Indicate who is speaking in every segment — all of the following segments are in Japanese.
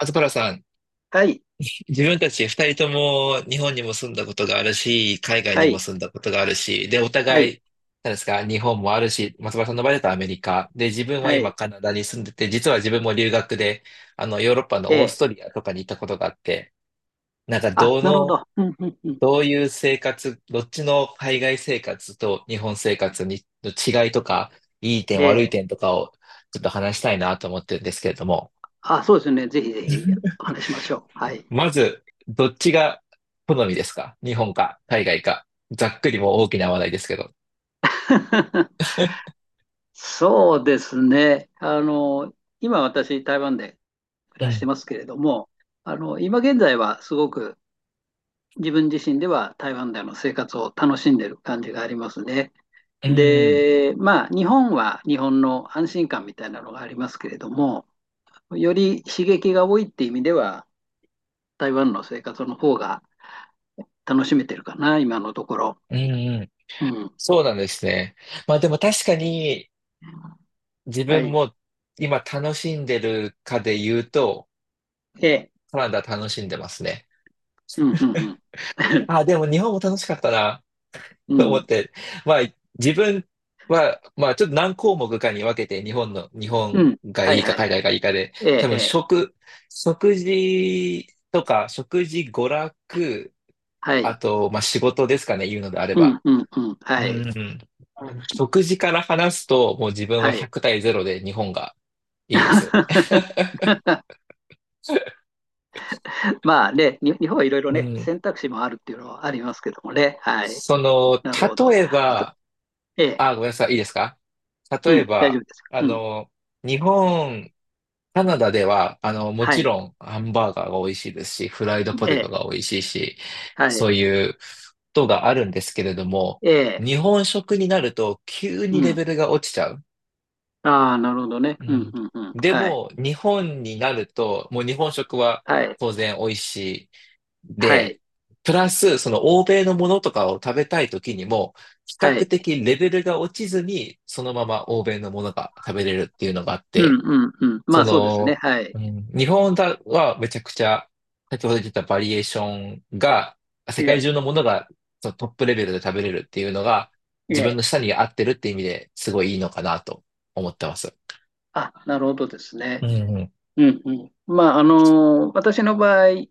Speaker 1: 松原さん、
Speaker 2: はい、
Speaker 1: 自分たち二人とも日本にも住んだことがあるし、海外
Speaker 2: は
Speaker 1: にも
Speaker 2: い、
Speaker 1: 住んだことがあるし、で、お
Speaker 2: はい、
Speaker 1: 互い、何ですか、日本もあるし、松原さんの場合だとアメリカ。で、自分は
Speaker 2: は
Speaker 1: 今
Speaker 2: い。
Speaker 1: カナダに住んでて、実は自分も留学で、ヨーロッパ
Speaker 2: え
Speaker 1: のオース
Speaker 2: え。
Speaker 1: トリアとかに行ったことがあって、なんか、
Speaker 2: あ、なるほど。うん、うん、うん。
Speaker 1: どういう生活、どっちの海外生活と日本生活にの違いとか、いい点、
Speaker 2: え
Speaker 1: 悪い
Speaker 2: え。
Speaker 1: 点とかをちょっと話したいなと思ってるんですけれども。
Speaker 2: あ、そうですね。ぜひぜひ、お話ししましょう。はい。
Speaker 1: まず、どっちが好みですか、日本か海外か？ざっくりもう大きな話題ですけど。
Speaker 2: そうですね。今私、台湾で暮
Speaker 1: う
Speaker 2: らして
Speaker 1: ん。
Speaker 2: ますけれども、今現在はすごく自分自身では台湾での生活を楽しんでる感じがありますね。
Speaker 1: うん。
Speaker 2: で、まあ、日本は日本の安心感みたいなのがありますけれども、より刺激が多いって意味では、台湾の生活の方が楽しめてるかな、今のところ。
Speaker 1: うん。
Speaker 2: うん。
Speaker 1: そうなんですね。まあでも確かに自
Speaker 2: は
Speaker 1: 分
Speaker 2: い。
Speaker 1: も今楽しんでるかで言うと、
Speaker 2: ええ。
Speaker 1: カナダ楽しんでますね。
Speaker 2: うん、うん、うん。
Speaker 1: あ、でも日本も楽しかったな。
Speaker 2: う
Speaker 1: と思っ
Speaker 2: ん、
Speaker 1: て、まあ、自分は、まあ、ちょっと何項目かに分けて、日
Speaker 2: う
Speaker 1: 本
Speaker 2: ん。
Speaker 1: が
Speaker 2: は
Speaker 1: い
Speaker 2: い
Speaker 1: いか
Speaker 2: はい。
Speaker 1: 海外がいいかで、
Speaker 2: ええ、
Speaker 1: 多
Speaker 2: え
Speaker 1: 分
Speaker 2: え。
Speaker 1: 食事とか、食事、娯楽、
Speaker 2: は
Speaker 1: あ
Speaker 2: い。
Speaker 1: と、まあ、仕事ですかね、言うのであれ
Speaker 2: う
Speaker 1: ば。
Speaker 2: ん、うん、うん。
Speaker 1: う
Speaker 2: は
Speaker 1: ん
Speaker 2: い。
Speaker 1: うんうん。食事から話すと、もう自分は
Speaker 2: はい。
Speaker 1: 100対0で日本がいいです。
Speaker 2: まあね、日本はいろいろ
Speaker 1: う
Speaker 2: ね、
Speaker 1: ん。
Speaker 2: 選択肢もあるっていうのはありますけどもね。はい。
Speaker 1: その、
Speaker 2: なるほど。
Speaker 1: 例え
Speaker 2: また。
Speaker 1: ば、
Speaker 2: ええ。
Speaker 1: あ、ごめんなさい。いいですか？
Speaker 2: う
Speaker 1: 例え
Speaker 2: ん、大丈夫
Speaker 1: ば、
Speaker 2: です。
Speaker 1: あ
Speaker 2: うん。
Speaker 1: の、日本、カナダでは、も
Speaker 2: は
Speaker 1: ち
Speaker 2: い。
Speaker 1: ろんハンバーガーが美味しいですし、フライドポ
Speaker 2: え
Speaker 1: テト
Speaker 2: え。
Speaker 1: が美味しいし、
Speaker 2: はい。
Speaker 1: そういうことがあるんですけれども、
Speaker 2: ええ。
Speaker 1: 日本食になると急
Speaker 2: う
Speaker 1: にレ
Speaker 2: ん。
Speaker 1: ベルが落ちちゃう。
Speaker 2: ああ、なるほどね。
Speaker 1: う
Speaker 2: うん、
Speaker 1: ん。
Speaker 2: うん、うん。
Speaker 1: で
Speaker 2: はい。
Speaker 1: も、日本になると、もう日本食は
Speaker 2: はい。
Speaker 1: 当然美味しい。
Speaker 2: はい。
Speaker 1: で、プラス、その欧米のものとかを食べたい時にも、比
Speaker 2: は
Speaker 1: 較
Speaker 2: い。
Speaker 1: 的レベルが落ちずに、そのまま欧米のものが食べれるっていうのがあっ
Speaker 2: うん
Speaker 1: て、
Speaker 2: うんうん。ま
Speaker 1: そ
Speaker 2: あそうですね。
Speaker 1: の、
Speaker 2: はい。
Speaker 1: うん、日本だはめちゃくちゃ、先ほど言ったバリエーションが、
Speaker 2: え
Speaker 1: 世界
Speaker 2: え、
Speaker 1: 中のものがそのトップレベルで食べれるっていうのが、
Speaker 2: え
Speaker 1: 自分の
Speaker 2: え。
Speaker 1: 舌に合ってるって意味ですごいいいのかなと思ってます。
Speaker 2: あ、なるほどです
Speaker 1: う
Speaker 2: ね。
Speaker 1: んうん。
Speaker 2: うんうん。まあ、私の場合、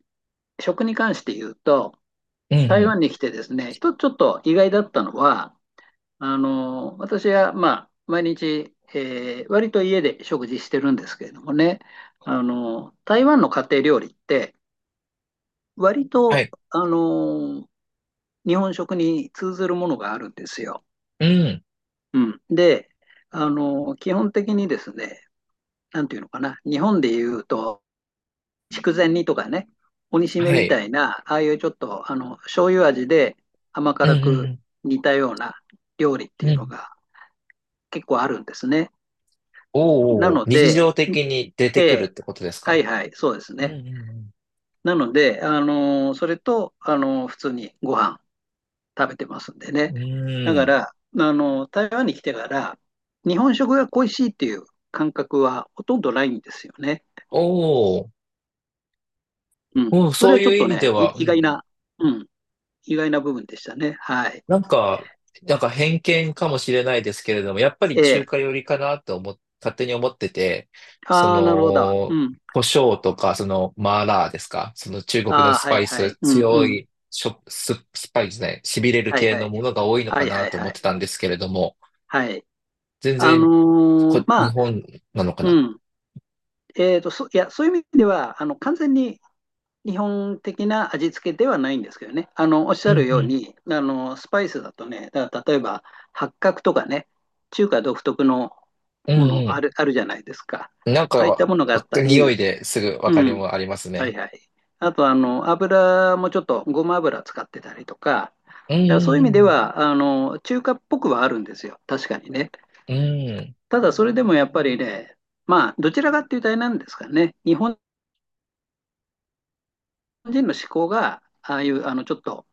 Speaker 2: 食に関して言うと、
Speaker 1: うんう
Speaker 2: 台
Speaker 1: ん。
Speaker 2: 湾に来てですね、一つちょっと意外だったのは、私はまあ毎日、割と家で食事してるんですけれどもね、台湾の家庭料理って、割
Speaker 1: は
Speaker 2: と、
Speaker 1: い。
Speaker 2: あの、日本食に通ずるものがあるんですよ。
Speaker 1: うん。
Speaker 2: うん。で、基本的にですね、なんていうのかな、日本でいうと、筑前煮とかね、鬼しめ
Speaker 1: は
Speaker 2: み
Speaker 1: い。
Speaker 2: たいな、ああいうちょっと醤油味で甘
Speaker 1: うん
Speaker 2: 辛
Speaker 1: う
Speaker 2: く
Speaker 1: ん。
Speaker 2: 似たような料理っ
Speaker 1: う
Speaker 2: て
Speaker 1: ん
Speaker 2: い
Speaker 1: う
Speaker 2: うの
Speaker 1: ん。
Speaker 2: が結構あるんですね。な
Speaker 1: おお、
Speaker 2: の
Speaker 1: 日
Speaker 2: で、
Speaker 1: 常的に出
Speaker 2: え
Speaker 1: てくるっ
Speaker 2: え、
Speaker 1: てことです
Speaker 2: はい
Speaker 1: か？
Speaker 2: はい、そうです
Speaker 1: う
Speaker 2: ね。
Speaker 1: ん
Speaker 2: なので、それと、普通にご飯食べてますんで
Speaker 1: う
Speaker 2: ね。
Speaker 1: んうん。
Speaker 2: だ
Speaker 1: うー
Speaker 2: か
Speaker 1: ん。
Speaker 2: ら、台湾に来てから、日本食が恋しいっていう感覚はほとんどないんですよね。
Speaker 1: おお、
Speaker 2: うん、
Speaker 1: うん、
Speaker 2: それ
Speaker 1: そう
Speaker 2: はちょ
Speaker 1: い
Speaker 2: っ
Speaker 1: う意
Speaker 2: と
Speaker 1: 味で
Speaker 2: ね、い
Speaker 1: は、うんう
Speaker 2: 意外
Speaker 1: ん。
Speaker 2: な。うん、意外な部分でしたね。はい。
Speaker 1: なんか、偏見かもしれないですけれども、やっぱり
Speaker 2: え
Speaker 1: 中
Speaker 2: え。
Speaker 1: 華寄りかなって勝手に思ってて、そ
Speaker 2: ああ、なるほど。う
Speaker 1: の、
Speaker 2: ん。
Speaker 1: 胡椒とか、マーラーですか、その中国の
Speaker 2: あ
Speaker 1: ス
Speaker 2: あ、は
Speaker 1: パ
Speaker 2: い
Speaker 1: イ
Speaker 2: は
Speaker 1: ス、
Speaker 2: い。うんう
Speaker 1: 強
Speaker 2: ん。
Speaker 1: い、しょ、ス、スパイスね、痺れる
Speaker 2: はい
Speaker 1: 系
Speaker 2: は
Speaker 1: の
Speaker 2: い。
Speaker 1: ものが多いの
Speaker 2: は
Speaker 1: か
Speaker 2: い
Speaker 1: な
Speaker 2: はい
Speaker 1: と思
Speaker 2: は
Speaker 1: っ
Speaker 2: い。
Speaker 1: てたんですけれども、
Speaker 2: はい。
Speaker 1: 全然
Speaker 2: ま
Speaker 1: 日
Speaker 2: あ、
Speaker 1: 本なのかな。
Speaker 2: うん。いや、そういう意味では、完全に日本的な味付けではないんですけどね。おっし
Speaker 1: う
Speaker 2: ゃる
Speaker 1: んう
Speaker 2: よう
Speaker 1: ん。
Speaker 2: に、スパイスだとね、だから例えば、八角とかね、中華独特の
Speaker 1: う
Speaker 2: ものあ
Speaker 1: ん、
Speaker 2: る、あるじゃないですか。
Speaker 1: なん
Speaker 2: ああいった
Speaker 1: か、
Speaker 2: ものがあった
Speaker 1: 匂い
Speaker 2: り、
Speaker 1: ですぐわ
Speaker 2: う
Speaker 1: かり
Speaker 2: ん。
Speaker 1: もあります
Speaker 2: はい
Speaker 1: ね。
Speaker 2: はい。あと、油もちょっとごま油使ってたりとか、
Speaker 1: う
Speaker 2: だからそういう意味で
Speaker 1: ん、
Speaker 2: は、中華っぽくはあるんですよ。確かにね。
Speaker 1: うん、
Speaker 2: ただ、それでもやっぱりね、まあ、どちらかっていうとあれなんですかね。日本人の思考が、ああいう、ちょっと、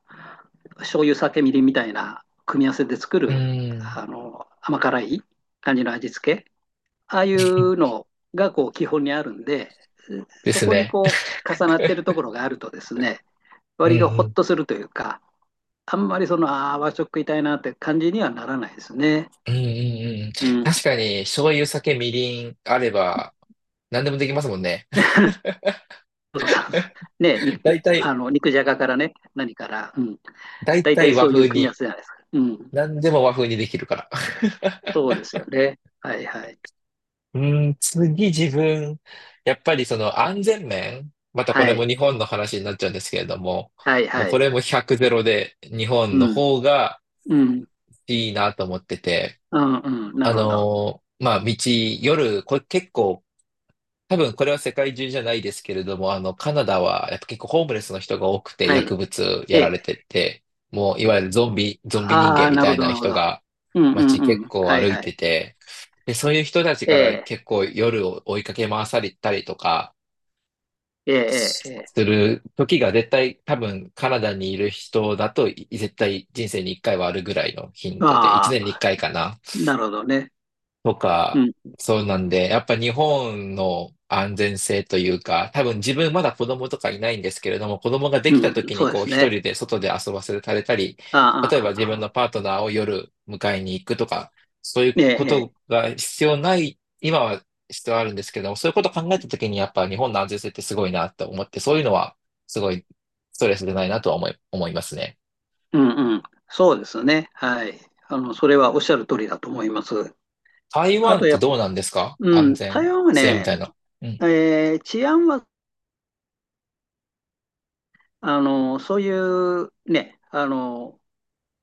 Speaker 2: 醤油、酒、みりんみたいな組み合わせで作
Speaker 1: うん、
Speaker 2: る、
Speaker 1: うん。
Speaker 2: 甘辛い感じの味付け。ああいうのが、こう、基本にあるんで、
Speaker 1: で
Speaker 2: そ
Speaker 1: す
Speaker 2: こに
Speaker 1: ね。
Speaker 2: こう、重なってるところがあるとですね、
Speaker 1: う
Speaker 2: 割とほっ
Speaker 1: ん、
Speaker 2: とするというか、あんまりああ、和食食いたいなって感じにはならないですね。
Speaker 1: うん、うん、うん、うんうん。
Speaker 2: うん。
Speaker 1: 確
Speaker 2: そ
Speaker 1: かに、醤油、酒、みりんあれば、何でもできますもんね。
Speaker 2: うそうそうね、
Speaker 1: 大
Speaker 2: あ
Speaker 1: 体、
Speaker 2: の肉じゃがからね、何から、うん、
Speaker 1: 大
Speaker 2: 大体
Speaker 1: 体和
Speaker 2: そういう
Speaker 1: 風
Speaker 2: 組み合わ
Speaker 1: に、
Speaker 2: せじゃないですか。うん。
Speaker 1: 何でも和風にできるから。
Speaker 2: そうですよね。はいはい。
Speaker 1: うーん、次自分、やっぱりその安全面、またこ
Speaker 2: は
Speaker 1: れも
Speaker 2: い。
Speaker 1: 日本の話になっちゃうんですけれども、
Speaker 2: はい
Speaker 1: もう
Speaker 2: は
Speaker 1: こ
Speaker 2: い。
Speaker 1: れも100ゼロで日本
Speaker 2: う
Speaker 1: の
Speaker 2: ん。
Speaker 1: 方が
Speaker 2: うん。
Speaker 1: いいなと思ってて、
Speaker 2: うんうん。なるほど。
Speaker 1: まあ、夜、これ結構、多分これは世界中じゃないですけれども、カナダはやっぱ結構ホームレスの人が多くて、
Speaker 2: はい。
Speaker 1: 薬物
Speaker 2: え
Speaker 1: やら
Speaker 2: え。
Speaker 1: れてて、もういわゆるゾンビ人
Speaker 2: あ
Speaker 1: 間
Speaker 2: あ、
Speaker 1: み
Speaker 2: な
Speaker 1: た
Speaker 2: るほ
Speaker 1: い
Speaker 2: ど、な
Speaker 1: な
Speaker 2: るほ
Speaker 1: 人
Speaker 2: ど。
Speaker 1: が
Speaker 2: うんうん
Speaker 1: 街
Speaker 2: う
Speaker 1: 結
Speaker 2: ん。
Speaker 1: 構
Speaker 2: はい
Speaker 1: 歩い
Speaker 2: は
Speaker 1: て
Speaker 2: い。
Speaker 1: て、で、そういう人たち
Speaker 2: え
Speaker 1: から
Speaker 2: え。
Speaker 1: 結構夜を追いかけ回されたりとか
Speaker 2: ええ、ええ、
Speaker 1: す
Speaker 2: ええ。
Speaker 1: る時が絶対多分カナダにいる人だと絶対人生に一回はあるぐらいの頻度で、一
Speaker 2: あ
Speaker 1: 年に一
Speaker 2: あ、
Speaker 1: 回かいかな。
Speaker 2: なるほどね。
Speaker 1: と
Speaker 2: う
Speaker 1: か、
Speaker 2: ん。
Speaker 1: そうなんで、やっぱ日本の安全性というか、多分自分まだ子供とかいないんですけれども、子供がで
Speaker 2: う
Speaker 1: きた
Speaker 2: ん。
Speaker 1: 時に
Speaker 2: そうで
Speaker 1: こう
Speaker 2: す
Speaker 1: 一
Speaker 2: ね。
Speaker 1: 人で外で遊ばせられたり、
Speaker 2: ああ、
Speaker 1: 例え
Speaker 2: ああ、
Speaker 1: ば自
Speaker 2: あ
Speaker 1: 分の
Speaker 2: あ。
Speaker 1: パートナーを夜迎えに行くとか、そういう
Speaker 2: え
Speaker 1: こ
Speaker 2: え、
Speaker 1: と
Speaker 2: ええ、
Speaker 1: が必要ない、今は必要あるんですけども、そういうことを考えた時にやっぱ日本の安全性ってすごいなと思って、そういうのはすごいストレスでないなとは思いますね。
Speaker 2: うんうん。そうですね。はい。それはおっしゃる通りだと思います。
Speaker 1: 台
Speaker 2: あ
Speaker 1: 湾っ
Speaker 2: と
Speaker 1: てどうなんですか、
Speaker 2: う
Speaker 1: 安
Speaker 2: ん、台
Speaker 1: 全
Speaker 2: 湾は
Speaker 1: 性み
Speaker 2: ね、
Speaker 1: たいな？うん。
Speaker 2: 治安は、そういうね、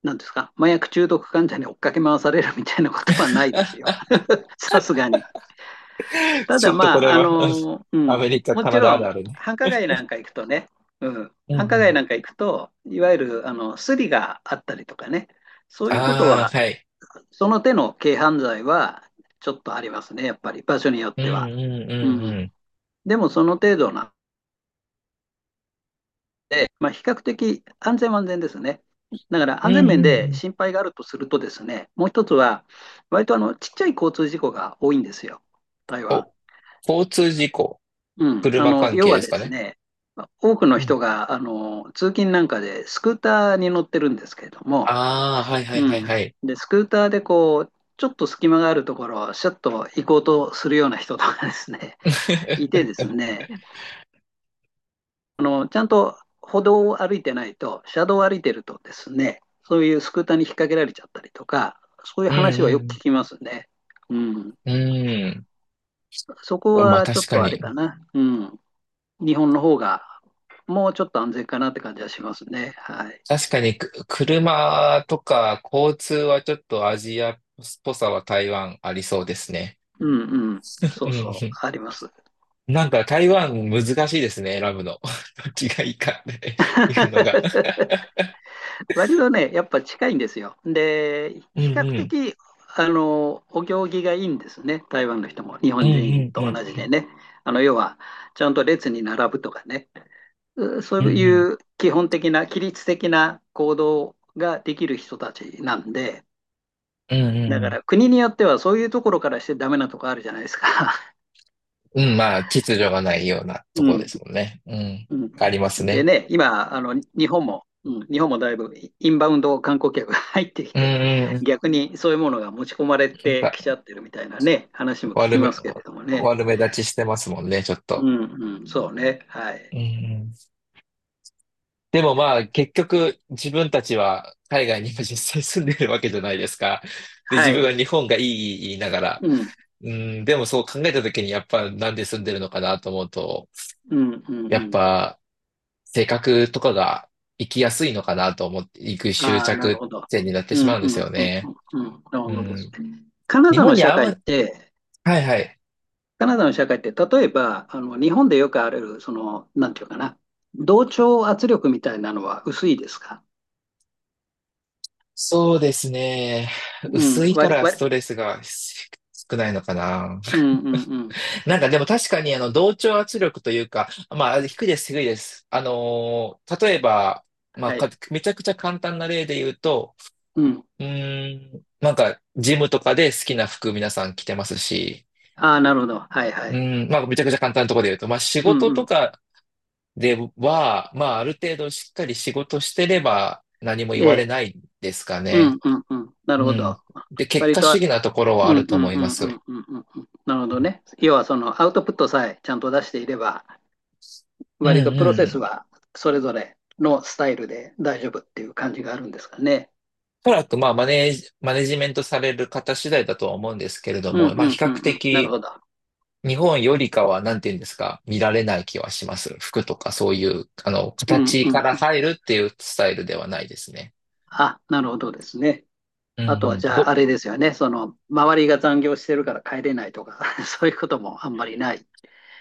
Speaker 2: なんですか、麻薬中毒患者に追っかけ回されるみたいなことはないです よ。さすがに。た
Speaker 1: ちょ
Speaker 2: だ
Speaker 1: っとこ
Speaker 2: まあ、
Speaker 1: れは、うん、
Speaker 2: う
Speaker 1: ア
Speaker 2: ん、
Speaker 1: メリカ、
Speaker 2: も
Speaker 1: カ
Speaker 2: ち
Speaker 1: ナダあ
Speaker 2: ろ
Speaker 1: る
Speaker 2: ん、
Speaker 1: あるね。
Speaker 2: 繁華街なんか行くとね、うん、
Speaker 1: うん
Speaker 2: 繁華
Speaker 1: う
Speaker 2: 街
Speaker 1: ん。
Speaker 2: なんか行くと、いわゆる、スリがあったりとかね、そういうこと
Speaker 1: ああ、
Speaker 2: は
Speaker 1: はい。
Speaker 2: その手の軽犯罪はちょっとありますね、やっぱり場所によっ
Speaker 1: うん
Speaker 2: ては。
Speaker 1: うん
Speaker 2: うん、
Speaker 1: うん
Speaker 2: でもその程度な、まあ、比較的安全は安全ですね。だから
Speaker 1: うん。
Speaker 2: 安全
Speaker 1: うん
Speaker 2: 面
Speaker 1: うんう
Speaker 2: で
Speaker 1: ん。
Speaker 2: 心配があるとするとですね、もう一つは、割とちっちゃい交通事故が多いんですよ、台湾。
Speaker 1: お、交通事故、
Speaker 2: うん、
Speaker 1: 車関
Speaker 2: 要
Speaker 1: 係
Speaker 2: は
Speaker 1: です
Speaker 2: で
Speaker 1: か
Speaker 2: す
Speaker 1: ね？
Speaker 2: ね、多くの
Speaker 1: うん。
Speaker 2: 人が通勤なんかでスクーターに乗ってるんですけれども、
Speaker 1: ああ、はいはい
Speaker 2: う
Speaker 1: はい
Speaker 2: ん、
Speaker 1: はい。
Speaker 2: でスクーターでこうちょっと隙間があるところをシャッと行こうとするような人とかですね、いて ですね、ちゃんと歩道を歩いてないと、車道を歩いてるとですね、そういうスクーターに引っ掛けられちゃったりとか、そういう
Speaker 1: う
Speaker 2: 話はよく
Speaker 1: ん
Speaker 2: 聞きますね。うん、
Speaker 1: うん。
Speaker 2: そこ
Speaker 1: うん。まあ
Speaker 2: はちょ
Speaker 1: 確
Speaker 2: っ
Speaker 1: か
Speaker 2: とあれ
Speaker 1: に。
Speaker 2: かな、うん、日本の方がもうちょっと安全かなって感じはしますね。はい。
Speaker 1: 確かに、車とか交通はちょっとアジアっぽさは台湾ありそうですね。
Speaker 2: うんうん、
Speaker 1: う
Speaker 2: そう
Speaker 1: ん
Speaker 2: そう、あ
Speaker 1: う
Speaker 2: ります。
Speaker 1: ん。なんか台湾難しいですね、選ぶの。どっちがいいかっていうのが。
Speaker 2: 割とね、やっぱ近いんですよ。で、
Speaker 1: うん
Speaker 2: 比較
Speaker 1: うん。
Speaker 2: 的、お行儀がいいんですね。台湾の人も、日
Speaker 1: うん
Speaker 2: 本人
Speaker 1: うんう
Speaker 2: と同じ
Speaker 1: ん。
Speaker 2: でね。要は、ちゃんと列に並ぶとかね。そ
Speaker 1: う
Speaker 2: う
Speaker 1: んうん。
Speaker 2: いう基本的な、規律的な行動ができる人たちなんで、
Speaker 1: うんうん
Speaker 2: だ
Speaker 1: う
Speaker 2: か
Speaker 1: ん。
Speaker 2: ら国によってはそういうところからしてダメなとこあるじゃないですか。
Speaker 1: うん、まあ、秩序がないような と
Speaker 2: う
Speaker 1: こで
Speaker 2: ん。
Speaker 1: すもんね。うん。
Speaker 2: う
Speaker 1: あ
Speaker 2: ん、
Speaker 1: ります
Speaker 2: で
Speaker 1: ね。
Speaker 2: ね、今、日本も、うん、日本もだいぶインバウンド観光客が入ってき
Speaker 1: うん
Speaker 2: て、
Speaker 1: うんうん。
Speaker 2: 逆にそういうものが持ち込まれ
Speaker 1: なん
Speaker 2: て
Speaker 1: か、
Speaker 2: きちゃってるみたいなね、話も聞き
Speaker 1: 悪
Speaker 2: ま
Speaker 1: め、
Speaker 2: すけれどもね。
Speaker 1: 悪目立ちしてますもんね、ちょっ
Speaker 2: う
Speaker 1: と。
Speaker 2: ん、うん、そうね。は
Speaker 1: う
Speaker 2: い。
Speaker 1: んうん。でもまあ、結局、自分たちは海外にも実際住んでるわけじゃないですか。で、自
Speaker 2: は
Speaker 1: 分
Speaker 2: い。
Speaker 1: は日本がいいいい言いながら。
Speaker 2: うん、
Speaker 1: うん、でもそう考えた時に、やっぱなんで住んでるのかなと思うと、
Speaker 2: うん、うん、う
Speaker 1: やっ
Speaker 2: ん。
Speaker 1: ぱ、性格とかが生きやすいのかなと思っていく執
Speaker 2: ああ、なる
Speaker 1: 着
Speaker 2: ほど。
Speaker 1: 点になって
Speaker 2: う
Speaker 1: しま
Speaker 2: ん、
Speaker 1: うんで
Speaker 2: うん、う
Speaker 1: す
Speaker 2: ん、
Speaker 1: よ
Speaker 2: うん、
Speaker 1: ね。
Speaker 2: うん。なる
Speaker 1: う
Speaker 2: ほどです
Speaker 1: ん。
Speaker 2: ね。
Speaker 1: 日本に合わ、はいはい。
Speaker 2: カナダの社会って、例えば、日本でよくある、なんていうかな、同調圧力みたいなのは薄いですか？
Speaker 1: そうですね。
Speaker 2: う
Speaker 1: 薄
Speaker 2: ん、
Speaker 1: いか
Speaker 2: 割り、
Speaker 1: らス
Speaker 2: 割り、
Speaker 1: トレスが少ないのかな。
Speaker 2: うんうんうん。
Speaker 1: なんかでも確かに同調圧力というか、まあ低いです、低いです。例えば、まあ
Speaker 2: は
Speaker 1: か
Speaker 2: い。
Speaker 1: めちゃくちゃ簡単な例で言うと、
Speaker 2: うん。
Speaker 1: うーん、なんかジムとかで好きな服皆さん着てますし、
Speaker 2: ああ、なるほど。はいは
Speaker 1: う
Speaker 2: い。
Speaker 1: ん、まあ、めちゃくちゃ簡単なところで言うと、まあ、仕
Speaker 2: うん
Speaker 1: 事
Speaker 2: う
Speaker 1: と
Speaker 2: ん。
Speaker 1: かでは、まあ、ある程度しっかり仕事してれば何も言
Speaker 2: え
Speaker 1: われな
Speaker 2: え。
Speaker 1: いですか
Speaker 2: う
Speaker 1: ね。
Speaker 2: んうんうん。なる
Speaker 1: う
Speaker 2: ほ
Speaker 1: ん。
Speaker 2: ど。
Speaker 1: で、結
Speaker 2: 割
Speaker 1: 果主
Speaker 2: と、
Speaker 1: 義なところ
Speaker 2: う
Speaker 1: はある
Speaker 2: ん
Speaker 1: と
Speaker 2: うん
Speaker 1: 思い
Speaker 2: う
Speaker 1: ま
Speaker 2: んう
Speaker 1: す。
Speaker 2: んうんうんうん。なるほどね。要はそのアウトプットさえちゃんと出していれば、
Speaker 1: うん
Speaker 2: 割とプロセス
Speaker 1: うん。
Speaker 2: はそれぞれのスタイルで大丈夫っていう感じがあるんですかね。
Speaker 1: おそらく、まあ、マネジメントされる方次第だとは思うんですけれど
Speaker 2: うん
Speaker 1: も、まあ、
Speaker 2: う
Speaker 1: 比
Speaker 2: んう
Speaker 1: 較
Speaker 2: んうん。なる
Speaker 1: 的、
Speaker 2: ほど。
Speaker 1: 日本よりかは、なんていうんですか、見られない気はします。服とかそういう、
Speaker 2: うん
Speaker 1: 形
Speaker 2: うん
Speaker 1: から
Speaker 2: うん。
Speaker 1: 入るっていうスタイルではないですね。
Speaker 2: あ、なるほどですね。
Speaker 1: う
Speaker 2: あ
Speaker 1: ん
Speaker 2: と
Speaker 1: う
Speaker 2: は
Speaker 1: ん。
Speaker 2: じゃああれですよね。その周りが残業してるから帰れないとか そういうこともあんまりない？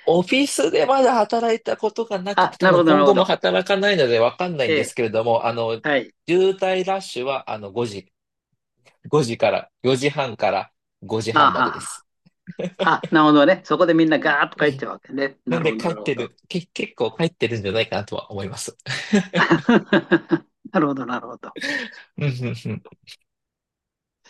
Speaker 1: オフィスでまだ働いたことがなく
Speaker 2: あ、
Speaker 1: て、多
Speaker 2: なる
Speaker 1: 分
Speaker 2: ほど、な
Speaker 1: 今
Speaker 2: るほ
Speaker 1: 後も
Speaker 2: ど。
Speaker 1: 働かないのでわかんない
Speaker 2: え
Speaker 1: んです
Speaker 2: え、
Speaker 1: けれども、
Speaker 2: はい。
Speaker 1: 渋滞ラッシュは5時から、4時半から5時
Speaker 2: あ
Speaker 1: 半ま
Speaker 2: は
Speaker 1: でで
Speaker 2: は。
Speaker 1: す。
Speaker 2: あ、なるほどね。そこでみんなガーッと
Speaker 1: う
Speaker 2: 帰っ
Speaker 1: ん。
Speaker 2: ちゃうわけね。
Speaker 1: な
Speaker 2: な
Speaker 1: ん
Speaker 2: る
Speaker 1: で
Speaker 2: ほど、
Speaker 1: 帰
Speaker 2: な
Speaker 1: っ
Speaker 2: るほ
Speaker 1: て
Speaker 2: ど。
Speaker 1: る、け、結構帰ってるんじゃないかなとは思います。
Speaker 2: なるほど、なるほど。
Speaker 1: うんうんうん